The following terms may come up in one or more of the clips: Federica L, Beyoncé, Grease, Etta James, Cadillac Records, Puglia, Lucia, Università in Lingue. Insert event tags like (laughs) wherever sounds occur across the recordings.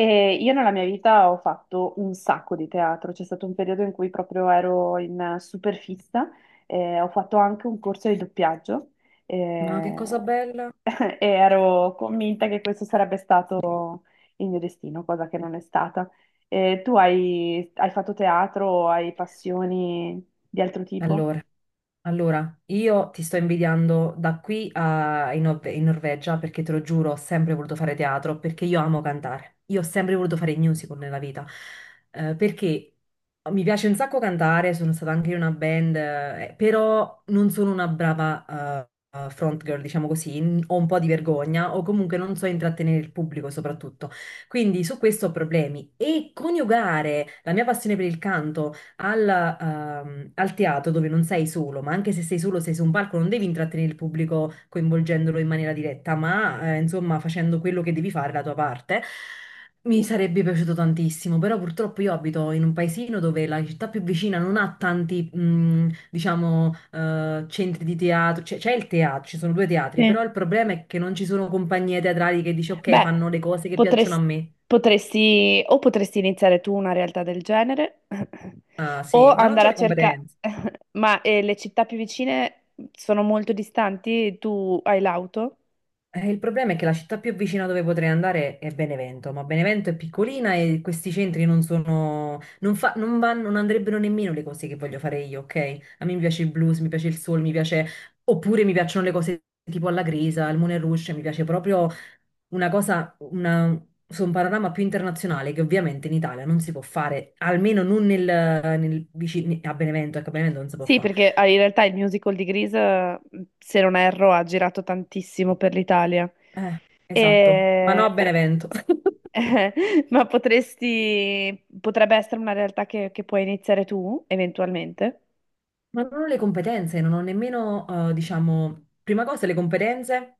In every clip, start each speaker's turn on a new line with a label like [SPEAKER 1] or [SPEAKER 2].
[SPEAKER 1] E io nella mia vita ho fatto un sacco di teatro. C'è stato un periodo in cui proprio ero in super fissa. Ho fatto anche un corso di doppiaggio.
[SPEAKER 2] Ma che cosa
[SPEAKER 1] eh,
[SPEAKER 2] bella.
[SPEAKER 1] (laughs) e ero convinta che questo sarebbe stato il mio destino, cosa che non è stata. Tu hai fatto teatro o hai passioni di altro tipo?
[SPEAKER 2] Allora, allora, io ti sto invidiando da qui a, in, Nor- in Norvegia perché te lo giuro, ho sempre voluto fare teatro perché io amo cantare. Io ho sempre voluto fare il musical nella vita perché mi piace un sacco cantare, sono stata anche in una band, però non sono una brava front girl, diciamo così, ho un po' di vergogna o comunque non so intrattenere il pubblico soprattutto. Quindi su questo ho problemi e coniugare la mia passione per il canto alla, al teatro dove non sei solo, ma anche se sei solo, sei su un palco, non devi intrattenere il pubblico coinvolgendolo in maniera diretta, ma insomma facendo quello che devi fare, la tua parte. Mi sarebbe piaciuto tantissimo, però purtroppo io abito in un paesino dove la città più vicina non ha tanti, diciamo, centri di teatro, c'è il teatro, ci sono due teatri,
[SPEAKER 1] Sì.
[SPEAKER 2] però il problema è che non ci sono compagnie teatrali che dici ok,
[SPEAKER 1] Beh,
[SPEAKER 2] fanno le cose che piacciono a
[SPEAKER 1] potresti,
[SPEAKER 2] me.
[SPEAKER 1] potresti o potresti iniziare tu una realtà del genere (clears throat)
[SPEAKER 2] Ah
[SPEAKER 1] (laughs) o
[SPEAKER 2] sì, ma non c'ho
[SPEAKER 1] andare a
[SPEAKER 2] le
[SPEAKER 1] cercare,
[SPEAKER 2] competenze.
[SPEAKER 1] (clears throat) (laughs) ma le città più vicine sono molto distanti, tu hai l'auto?
[SPEAKER 2] Il problema è che la città più vicina dove potrei andare è Benevento, ma Benevento è piccolina e questi centri non sono, non vanno, non andrebbero nemmeno le cose che voglio fare io, ok? A me mi piace il blues, mi piace il soul, mi piace, oppure mi piacciono le cose tipo alla Grisa, al Moulin Rouge, mi piace proprio una cosa, una, su un panorama più internazionale che ovviamente in Italia non si può fare, almeno non nel, nel vicino, a Benevento, ecco, a Benevento non si può
[SPEAKER 1] Sì,
[SPEAKER 2] fare.
[SPEAKER 1] perché in realtà il musical di Grease, se non erro, ha girato tantissimo per l'Italia.
[SPEAKER 2] Esatto, ma no a
[SPEAKER 1] E- però-
[SPEAKER 2] Benevento. (laughs)
[SPEAKER 1] (laughs) ma potresti, potrebbe essere una realtà che puoi iniziare tu, eventualmente.
[SPEAKER 2] Ma non ho le competenze, non ho nemmeno, diciamo, prima cosa le competenze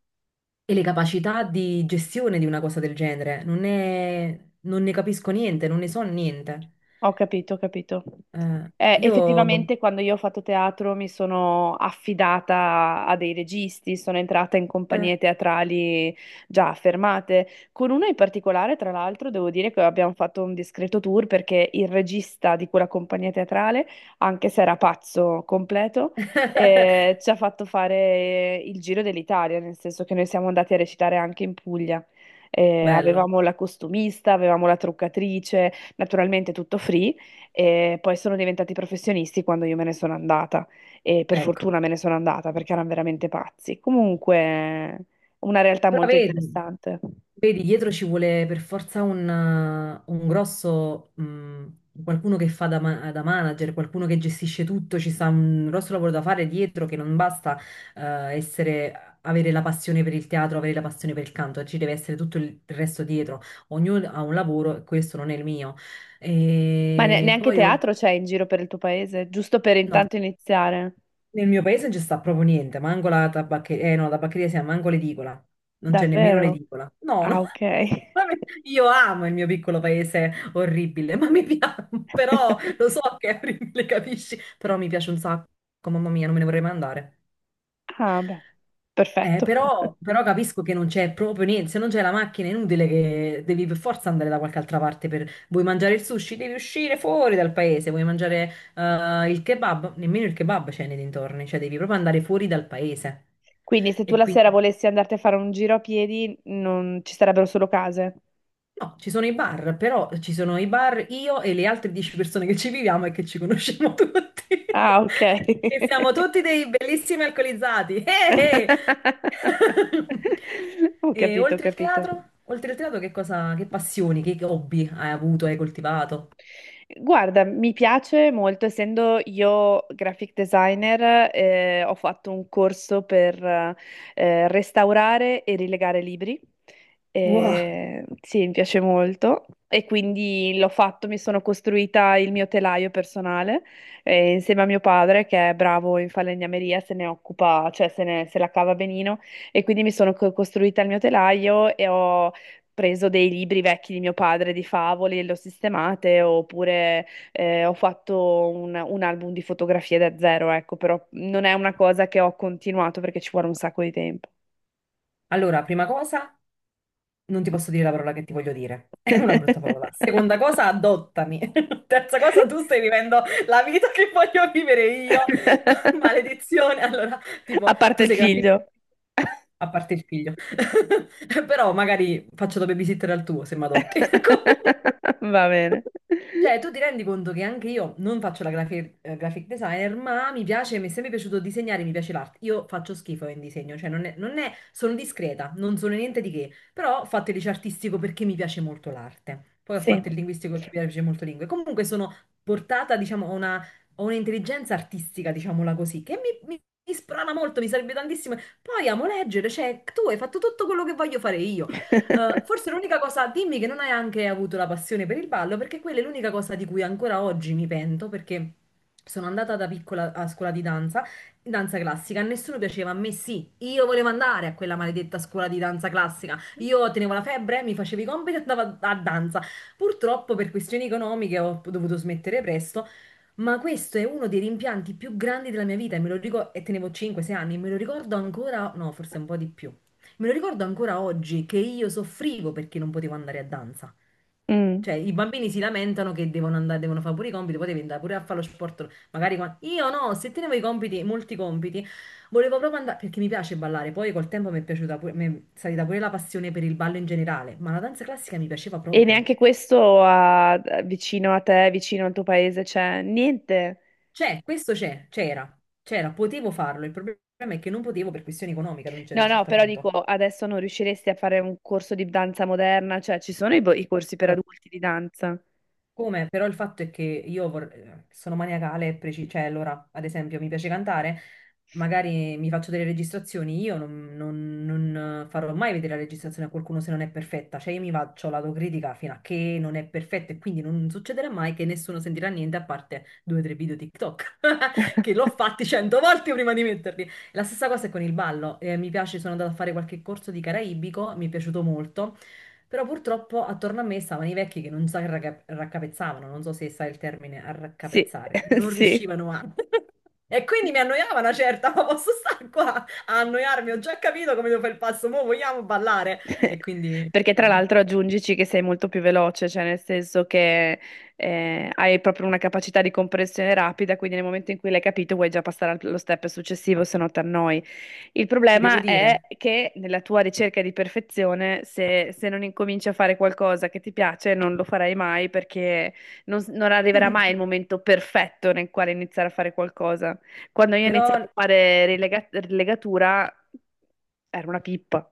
[SPEAKER 2] e le capacità di gestione di una cosa del genere. Non ne capisco niente, non ne so niente.
[SPEAKER 1] Ho capito, ho capito.
[SPEAKER 2] Eh, io...
[SPEAKER 1] Effettivamente quando io ho fatto teatro mi sono affidata a dei registi, sono entrata in
[SPEAKER 2] eh,
[SPEAKER 1] compagnie teatrali già affermate. Con una in particolare, tra l'altro, devo dire che abbiamo fatto un discreto tour, perché il regista di quella compagnia teatrale, anche se era pazzo completo,
[SPEAKER 2] (laughs)
[SPEAKER 1] ci ha fatto fare il giro dell'Italia, nel senso che noi siamo andati a recitare anche in Puglia.
[SPEAKER 2] Bello,
[SPEAKER 1] Avevamo la costumista, avevamo la truccatrice, naturalmente tutto free, e poi sono diventati professionisti quando io me ne sono andata, e per
[SPEAKER 2] ecco.
[SPEAKER 1] fortuna me ne sono andata perché erano veramente pazzi. Comunque, una realtà
[SPEAKER 2] Però
[SPEAKER 1] molto
[SPEAKER 2] vedi,
[SPEAKER 1] interessante.
[SPEAKER 2] Vedi, dietro ci vuole per forza un grosso, qualcuno che fa da manager, qualcuno che gestisce tutto, ci sta un grosso lavoro da fare dietro che non basta, essere, avere la passione per il teatro, avere la passione per il canto, ci deve essere tutto il resto dietro. Ognuno ha un lavoro e questo non è il mio.
[SPEAKER 1] Ma
[SPEAKER 2] E
[SPEAKER 1] neanche
[SPEAKER 2] poi,
[SPEAKER 1] teatro c'è in giro per il tuo paese, giusto per
[SPEAKER 2] no,
[SPEAKER 1] intanto iniziare?
[SPEAKER 2] nel mio paese non ci sta proprio niente, manco la tabaccheria, eh no, la tabaccheria sì, manco l'edicola, non c'è nemmeno
[SPEAKER 1] Davvero?
[SPEAKER 2] l'edicola. No, no,
[SPEAKER 1] Ah, ok.
[SPEAKER 2] (laughs) vabbè, io amo il mio piccolo paese orribile, ma mi piace, (laughs) però
[SPEAKER 1] (laughs)
[SPEAKER 2] lo so che è orribile, capisci? Però mi piace un sacco, mamma mia, non me ne vorrei mai andare.
[SPEAKER 1] Ah, beh, perfetto. (laughs)
[SPEAKER 2] Però capisco che non c'è proprio niente, se non c'è la macchina è inutile che devi per forza andare da qualche altra parte per... Vuoi mangiare il sushi? Devi uscire fuori dal paese, vuoi mangiare il kebab? Nemmeno il kebab c'è nei dintorni, cioè devi proprio andare fuori dal paese.
[SPEAKER 1] Quindi se tu
[SPEAKER 2] E
[SPEAKER 1] la sera
[SPEAKER 2] quindi...
[SPEAKER 1] volessi andarti a fare un giro a piedi, non ci sarebbero solo case.
[SPEAKER 2] No, ci sono i bar, però ci sono i bar io e le altre 10 persone che ci viviamo e che ci conosciamo tutti. (laughs)
[SPEAKER 1] Ah, ok. (laughs)
[SPEAKER 2] E siamo tutti dei bellissimi alcolizzati.
[SPEAKER 1] (laughs)
[SPEAKER 2] Eh. (laughs)
[SPEAKER 1] Ho
[SPEAKER 2] E
[SPEAKER 1] capito, ho
[SPEAKER 2] oltre il
[SPEAKER 1] capito.
[SPEAKER 2] teatro? Oltre il teatro che cosa, che passioni, che hobby hai avuto, hai coltivato?
[SPEAKER 1] Guarda, mi piace molto, essendo io graphic designer, ho fatto un corso per restaurare e rilegare libri.
[SPEAKER 2] Wow.
[SPEAKER 1] Sì, mi piace molto e quindi l'ho fatto, mi sono costruita il mio telaio personale, insieme a mio padre che è bravo in falegnameria, se ne occupa, cioè se la cava benino, e quindi mi sono costruita il mio telaio e ho preso dei libri vecchi di mio padre di favole e le ho sistemate, oppure ho fatto un album di fotografie da zero, ecco, però non è una cosa che ho continuato perché ci vuole un sacco di tempo.
[SPEAKER 2] Allora, prima cosa, non ti posso dire la parola che ti voglio dire. (laughs) È una brutta parola. Seconda
[SPEAKER 1] (laughs)
[SPEAKER 2] cosa, adottami. (laughs) Terza cosa, tu stai vivendo la vita che voglio vivere io. (laughs)
[SPEAKER 1] (laughs)
[SPEAKER 2] Maledizione. Allora,
[SPEAKER 1] A
[SPEAKER 2] tipo, tu
[SPEAKER 1] parte il
[SPEAKER 2] sei grafica,
[SPEAKER 1] figlio.
[SPEAKER 2] a parte il figlio. (laughs) Però magari faccio da babysitter al tuo se mi adotti. (laughs) Comunque.
[SPEAKER 1] (laughs) Va bene.
[SPEAKER 2] Cioè, tu ti rendi conto che anche io non faccio la graphic designer, ma mi piace, mi è sempre piaciuto disegnare, mi piace l'arte. Io faccio schifo in disegno, cioè non è, non è- sono discreta, non sono niente di che, però ho fatto il liceo artistico perché mi piace molto l'arte. Poi ho
[SPEAKER 1] Sì.
[SPEAKER 2] fatto il linguistico perché mi piace molto lingue. Comunque sono portata, diciamo, a un'intelligenza artistica, diciamola così, che mi sprona molto, mi serve tantissimo. Poi amo leggere, cioè tu hai fatto tutto quello che voglio fare io.
[SPEAKER 1] (laughs)
[SPEAKER 2] Forse l'unica cosa, dimmi che non hai anche avuto la passione per il ballo, perché quella è l'unica cosa di cui ancora oggi mi pento, perché sono andata da piccola a scuola di danza, in danza classica, a nessuno piaceva, a me sì, io volevo andare a quella maledetta scuola di danza classica, io tenevo la febbre, mi facevo i compiti e andavo a danza. Purtroppo per questioni economiche ho dovuto smettere presto, ma questo è uno dei rimpianti più grandi della mia vita e me lo ricordo, e tenevo 5-6 anni, me lo ricordo ancora, no, forse un po' di più. Me lo ricordo ancora oggi che io soffrivo perché non potevo andare a danza.
[SPEAKER 1] Mm.
[SPEAKER 2] Cioè, i bambini si lamentano che devono andare, devono fare pure i compiti, potevi andare pure a fare lo sport. Io no, se tenevo i compiti, molti compiti, volevo proprio andare, perché mi piace ballare. Poi col tempo mi è piaciuta pure, mi è salita pure la passione per il ballo in generale, ma la danza classica mi piaceva
[SPEAKER 1] E
[SPEAKER 2] proprio.
[SPEAKER 1] neanche questo vicino a te, vicino al tuo paese, c'è niente.
[SPEAKER 2] C'è, questo c'è, c'era, c'era, potevo farlo, il problema è che non potevo per questione economica a
[SPEAKER 1] No,
[SPEAKER 2] un
[SPEAKER 1] no,
[SPEAKER 2] certo
[SPEAKER 1] però dico,
[SPEAKER 2] punto.
[SPEAKER 1] adesso non riusciresti a fare un corso di danza moderna, cioè ci sono i corsi per
[SPEAKER 2] Allora,
[SPEAKER 1] adulti di danza.
[SPEAKER 2] come? Però il fatto è che sono maniacale e cioè allora, ad esempio, mi piace cantare, magari mi faccio delle registrazioni, io non farò mai vedere la registrazione a qualcuno se non è perfetta, cioè io mi faccio l'autocritica fino a che non è perfetta e quindi non succederà mai che nessuno sentirà niente a parte due o tre video TikTok, (laughs) che l'ho fatti cento volte prima di metterli. La stessa cosa è con il ballo, mi piace, sono andata a fare qualche corso di caraibico, mi è piaciuto molto. Però purtroppo attorno a me stavano i vecchi che non si raccapezzavano, non so se sai il termine
[SPEAKER 1] Sì,
[SPEAKER 2] arraccapezzare,
[SPEAKER 1] (laughs)
[SPEAKER 2] non
[SPEAKER 1] sì.
[SPEAKER 2] riuscivano a... (laughs) E quindi mi annoiava una certa, ma posso stare qua a annoiarmi, ho già capito come devo fare il passo, mo vogliamo ballare.
[SPEAKER 1] (laughs)
[SPEAKER 2] E quindi
[SPEAKER 1] Perché tra
[SPEAKER 2] eh,
[SPEAKER 1] l'altro aggiungici che sei molto più veloce, cioè nel senso che hai proprio una capacità di comprensione rapida, quindi nel momento in cui l'hai capito vuoi già passare allo step successivo, se no ti annoi. Il
[SPEAKER 2] ti devo
[SPEAKER 1] problema è
[SPEAKER 2] dire.
[SPEAKER 1] che nella tua ricerca di perfezione, se non incominci a fare qualcosa che ti piace, non lo farai mai, perché non arriverà
[SPEAKER 2] (laughs)
[SPEAKER 1] mai il momento perfetto nel quale iniziare a fare qualcosa. Quando io ho
[SPEAKER 2] Però
[SPEAKER 1] iniziato a fare rilegatura era una pippa.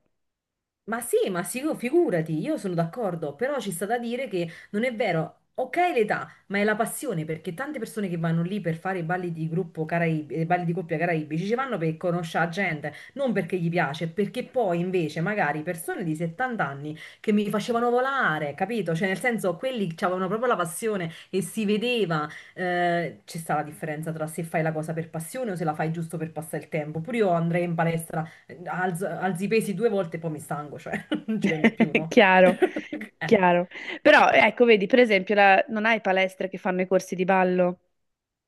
[SPEAKER 2] Ma sì, figurati, io sono d'accordo, però ci sta da dire che non è vero, ok l'età, ma è la passione, perché tante persone che vanno lì per fare i balli di gruppo caraibi, balli di coppia caraibici, ci vanno per conoscere gente, non perché gli piace, perché poi invece magari persone di 70 anni che mi facevano volare, capito? Cioè nel senso, quelli avevano proprio la passione e si vedeva, c'è sta la differenza tra se fai la cosa per passione o se la fai giusto per passare il tempo. Pure io andrei in palestra, alzi i pesi due volte e poi mi stanco, cioè (laughs) non ci vengo più,
[SPEAKER 1] (laughs)
[SPEAKER 2] no?
[SPEAKER 1] Chiaro,
[SPEAKER 2] (laughs) Eh,
[SPEAKER 1] chiaro. Però ecco, vedi, per esempio, non hai palestre che fanno i corsi di ballo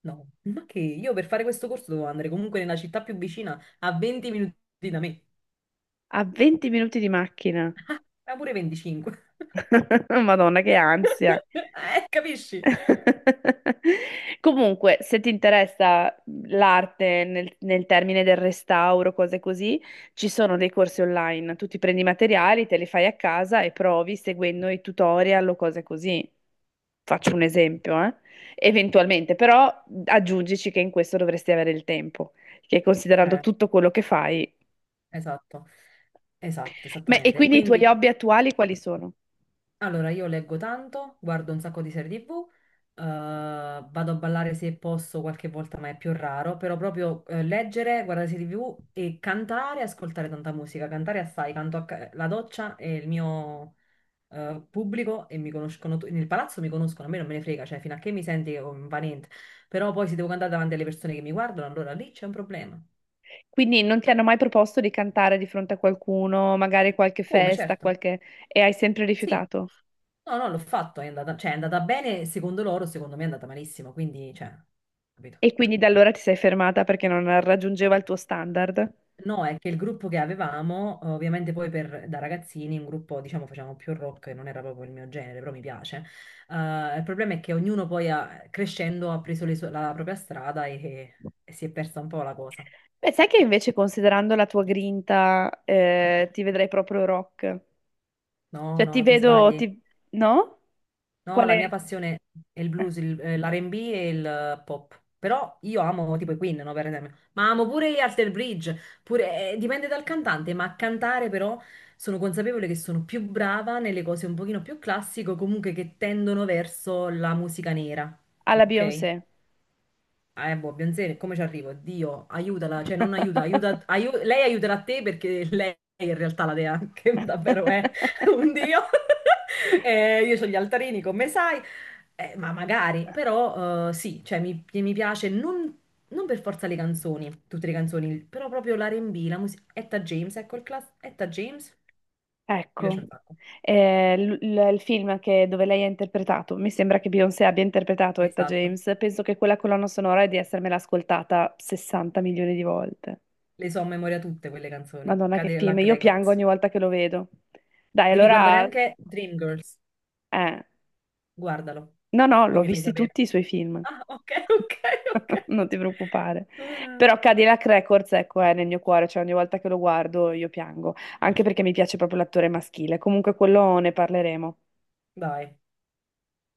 [SPEAKER 2] no, ma che io per fare questo corso dovevo andare comunque nella città più vicina a 20 minuti da me,
[SPEAKER 1] a 20 minuti di macchina.
[SPEAKER 2] ah, ma pure 25.
[SPEAKER 1] (laughs) Madonna, che ansia.
[SPEAKER 2] (laughs) Capisci?
[SPEAKER 1] (laughs) Comunque, se ti interessa l'arte nel termine del restauro, cose così, ci sono dei corsi online. Tu ti prendi i materiali, te li fai a casa e provi seguendo i tutorial o cose così. Faccio un esempio, eventualmente, però aggiungici che in questo dovresti avere il tempo, che considerando
[SPEAKER 2] Eh,
[SPEAKER 1] tutto quello che fai.
[SPEAKER 2] esatto, esatto,
[SPEAKER 1] Ma, e
[SPEAKER 2] esattamente.
[SPEAKER 1] quindi i tuoi
[SPEAKER 2] Quindi,
[SPEAKER 1] hobby attuali quali sono?
[SPEAKER 2] allora, io leggo tanto, guardo un sacco di serie TV, vado a ballare se posso qualche volta, ma è più raro, però proprio leggere, guardare serie TV e cantare, ascoltare tanta musica. Cantare assai, canto la doccia e il mio pubblico e mi conoscono, nel palazzo mi conoscono, a me non me ne frega, cioè fino a che mi senti che va niente. Però poi se devo cantare davanti alle persone che mi guardano, allora lì c'è un problema.
[SPEAKER 1] Quindi non ti hanno mai proposto di cantare di fronte a qualcuno, magari qualche
[SPEAKER 2] Come,
[SPEAKER 1] festa,
[SPEAKER 2] certo.
[SPEAKER 1] qualche... e hai sempre
[SPEAKER 2] Sì,
[SPEAKER 1] rifiutato?
[SPEAKER 2] no, no, l'ho fatto, è andata, cioè, è andata bene secondo loro, secondo me è andata malissimo, quindi, cioè, capito.
[SPEAKER 1] E quindi da allora ti sei fermata perché non raggiungeva il tuo standard?
[SPEAKER 2] No, è che il gruppo che avevamo, ovviamente poi da ragazzini, un gruppo, diciamo, facevamo più rock, non era proprio il mio genere, però mi piace. Il problema è che ognuno poi, crescendo, ha preso la propria strada e, si è persa un po' la cosa.
[SPEAKER 1] Beh, sai che invece considerando la tua grinta, ti vedrei proprio rock.
[SPEAKER 2] No,
[SPEAKER 1] Cioè ti
[SPEAKER 2] no, ti
[SPEAKER 1] vedo,
[SPEAKER 2] sbagli.
[SPEAKER 1] ti... no?
[SPEAKER 2] No, la mia
[SPEAKER 1] Quale?
[SPEAKER 2] passione è il
[SPEAKER 1] eh,
[SPEAKER 2] blues, l'R&B e il pop. Però io amo tipo i Queen, no, per esempio. Ma amo pure gli Alter Bridge. Pure, dipende dal cantante, ma a cantare però sono consapevole che sono più brava nelle cose un pochino più classiche, o comunque che tendono verso la musica nera.
[SPEAKER 1] Alla
[SPEAKER 2] Ok?
[SPEAKER 1] Beyoncé.
[SPEAKER 2] Ah, boh, Beyoncé, come ci arrivo? Dio, aiutala, cioè non aiuta, lei aiuterà te perché lei in realtà la dea, (laughs) che davvero è un dio. (laughs) Io ho gli altarini, come sai. Ma magari, però sì, cioè mi piace, non per forza le canzoni, tutte le canzoni, però proprio l'R&B, la musica, Etta James, ecco il class, Etta James, mi piace
[SPEAKER 1] Ecco.
[SPEAKER 2] un sacco,
[SPEAKER 1] Il dove lei ha interpretato, mi sembra che Beyoncé abbia interpretato Etta
[SPEAKER 2] esatto,
[SPEAKER 1] James, penso che quella colonna sonora è di essermela ascoltata 60 milioni di volte.
[SPEAKER 2] le so a memoria tutte quelle canzoni,
[SPEAKER 1] Madonna, che film,
[SPEAKER 2] Cadillac
[SPEAKER 1] io piango
[SPEAKER 2] Records.
[SPEAKER 1] ogni volta che lo vedo. Dai,
[SPEAKER 2] Devi guardare
[SPEAKER 1] allora,
[SPEAKER 2] anche Dreamgirls.
[SPEAKER 1] eh,
[SPEAKER 2] Guardalo,
[SPEAKER 1] no, no,
[SPEAKER 2] poi
[SPEAKER 1] l'ho
[SPEAKER 2] mi fai
[SPEAKER 1] visti
[SPEAKER 2] sapere.
[SPEAKER 1] tutti i suoi film.
[SPEAKER 2] Ah, ok, (laughs) ok, ok.
[SPEAKER 1] (laughs) Non ti preoccupare.
[SPEAKER 2] Ah,
[SPEAKER 1] Però Cadillac Records, ecco, è nel mio cuore, cioè ogni volta che lo guardo io piango, anche perché mi piace proprio l'attore maschile. Comunque quello ne parleremo.
[SPEAKER 2] dai.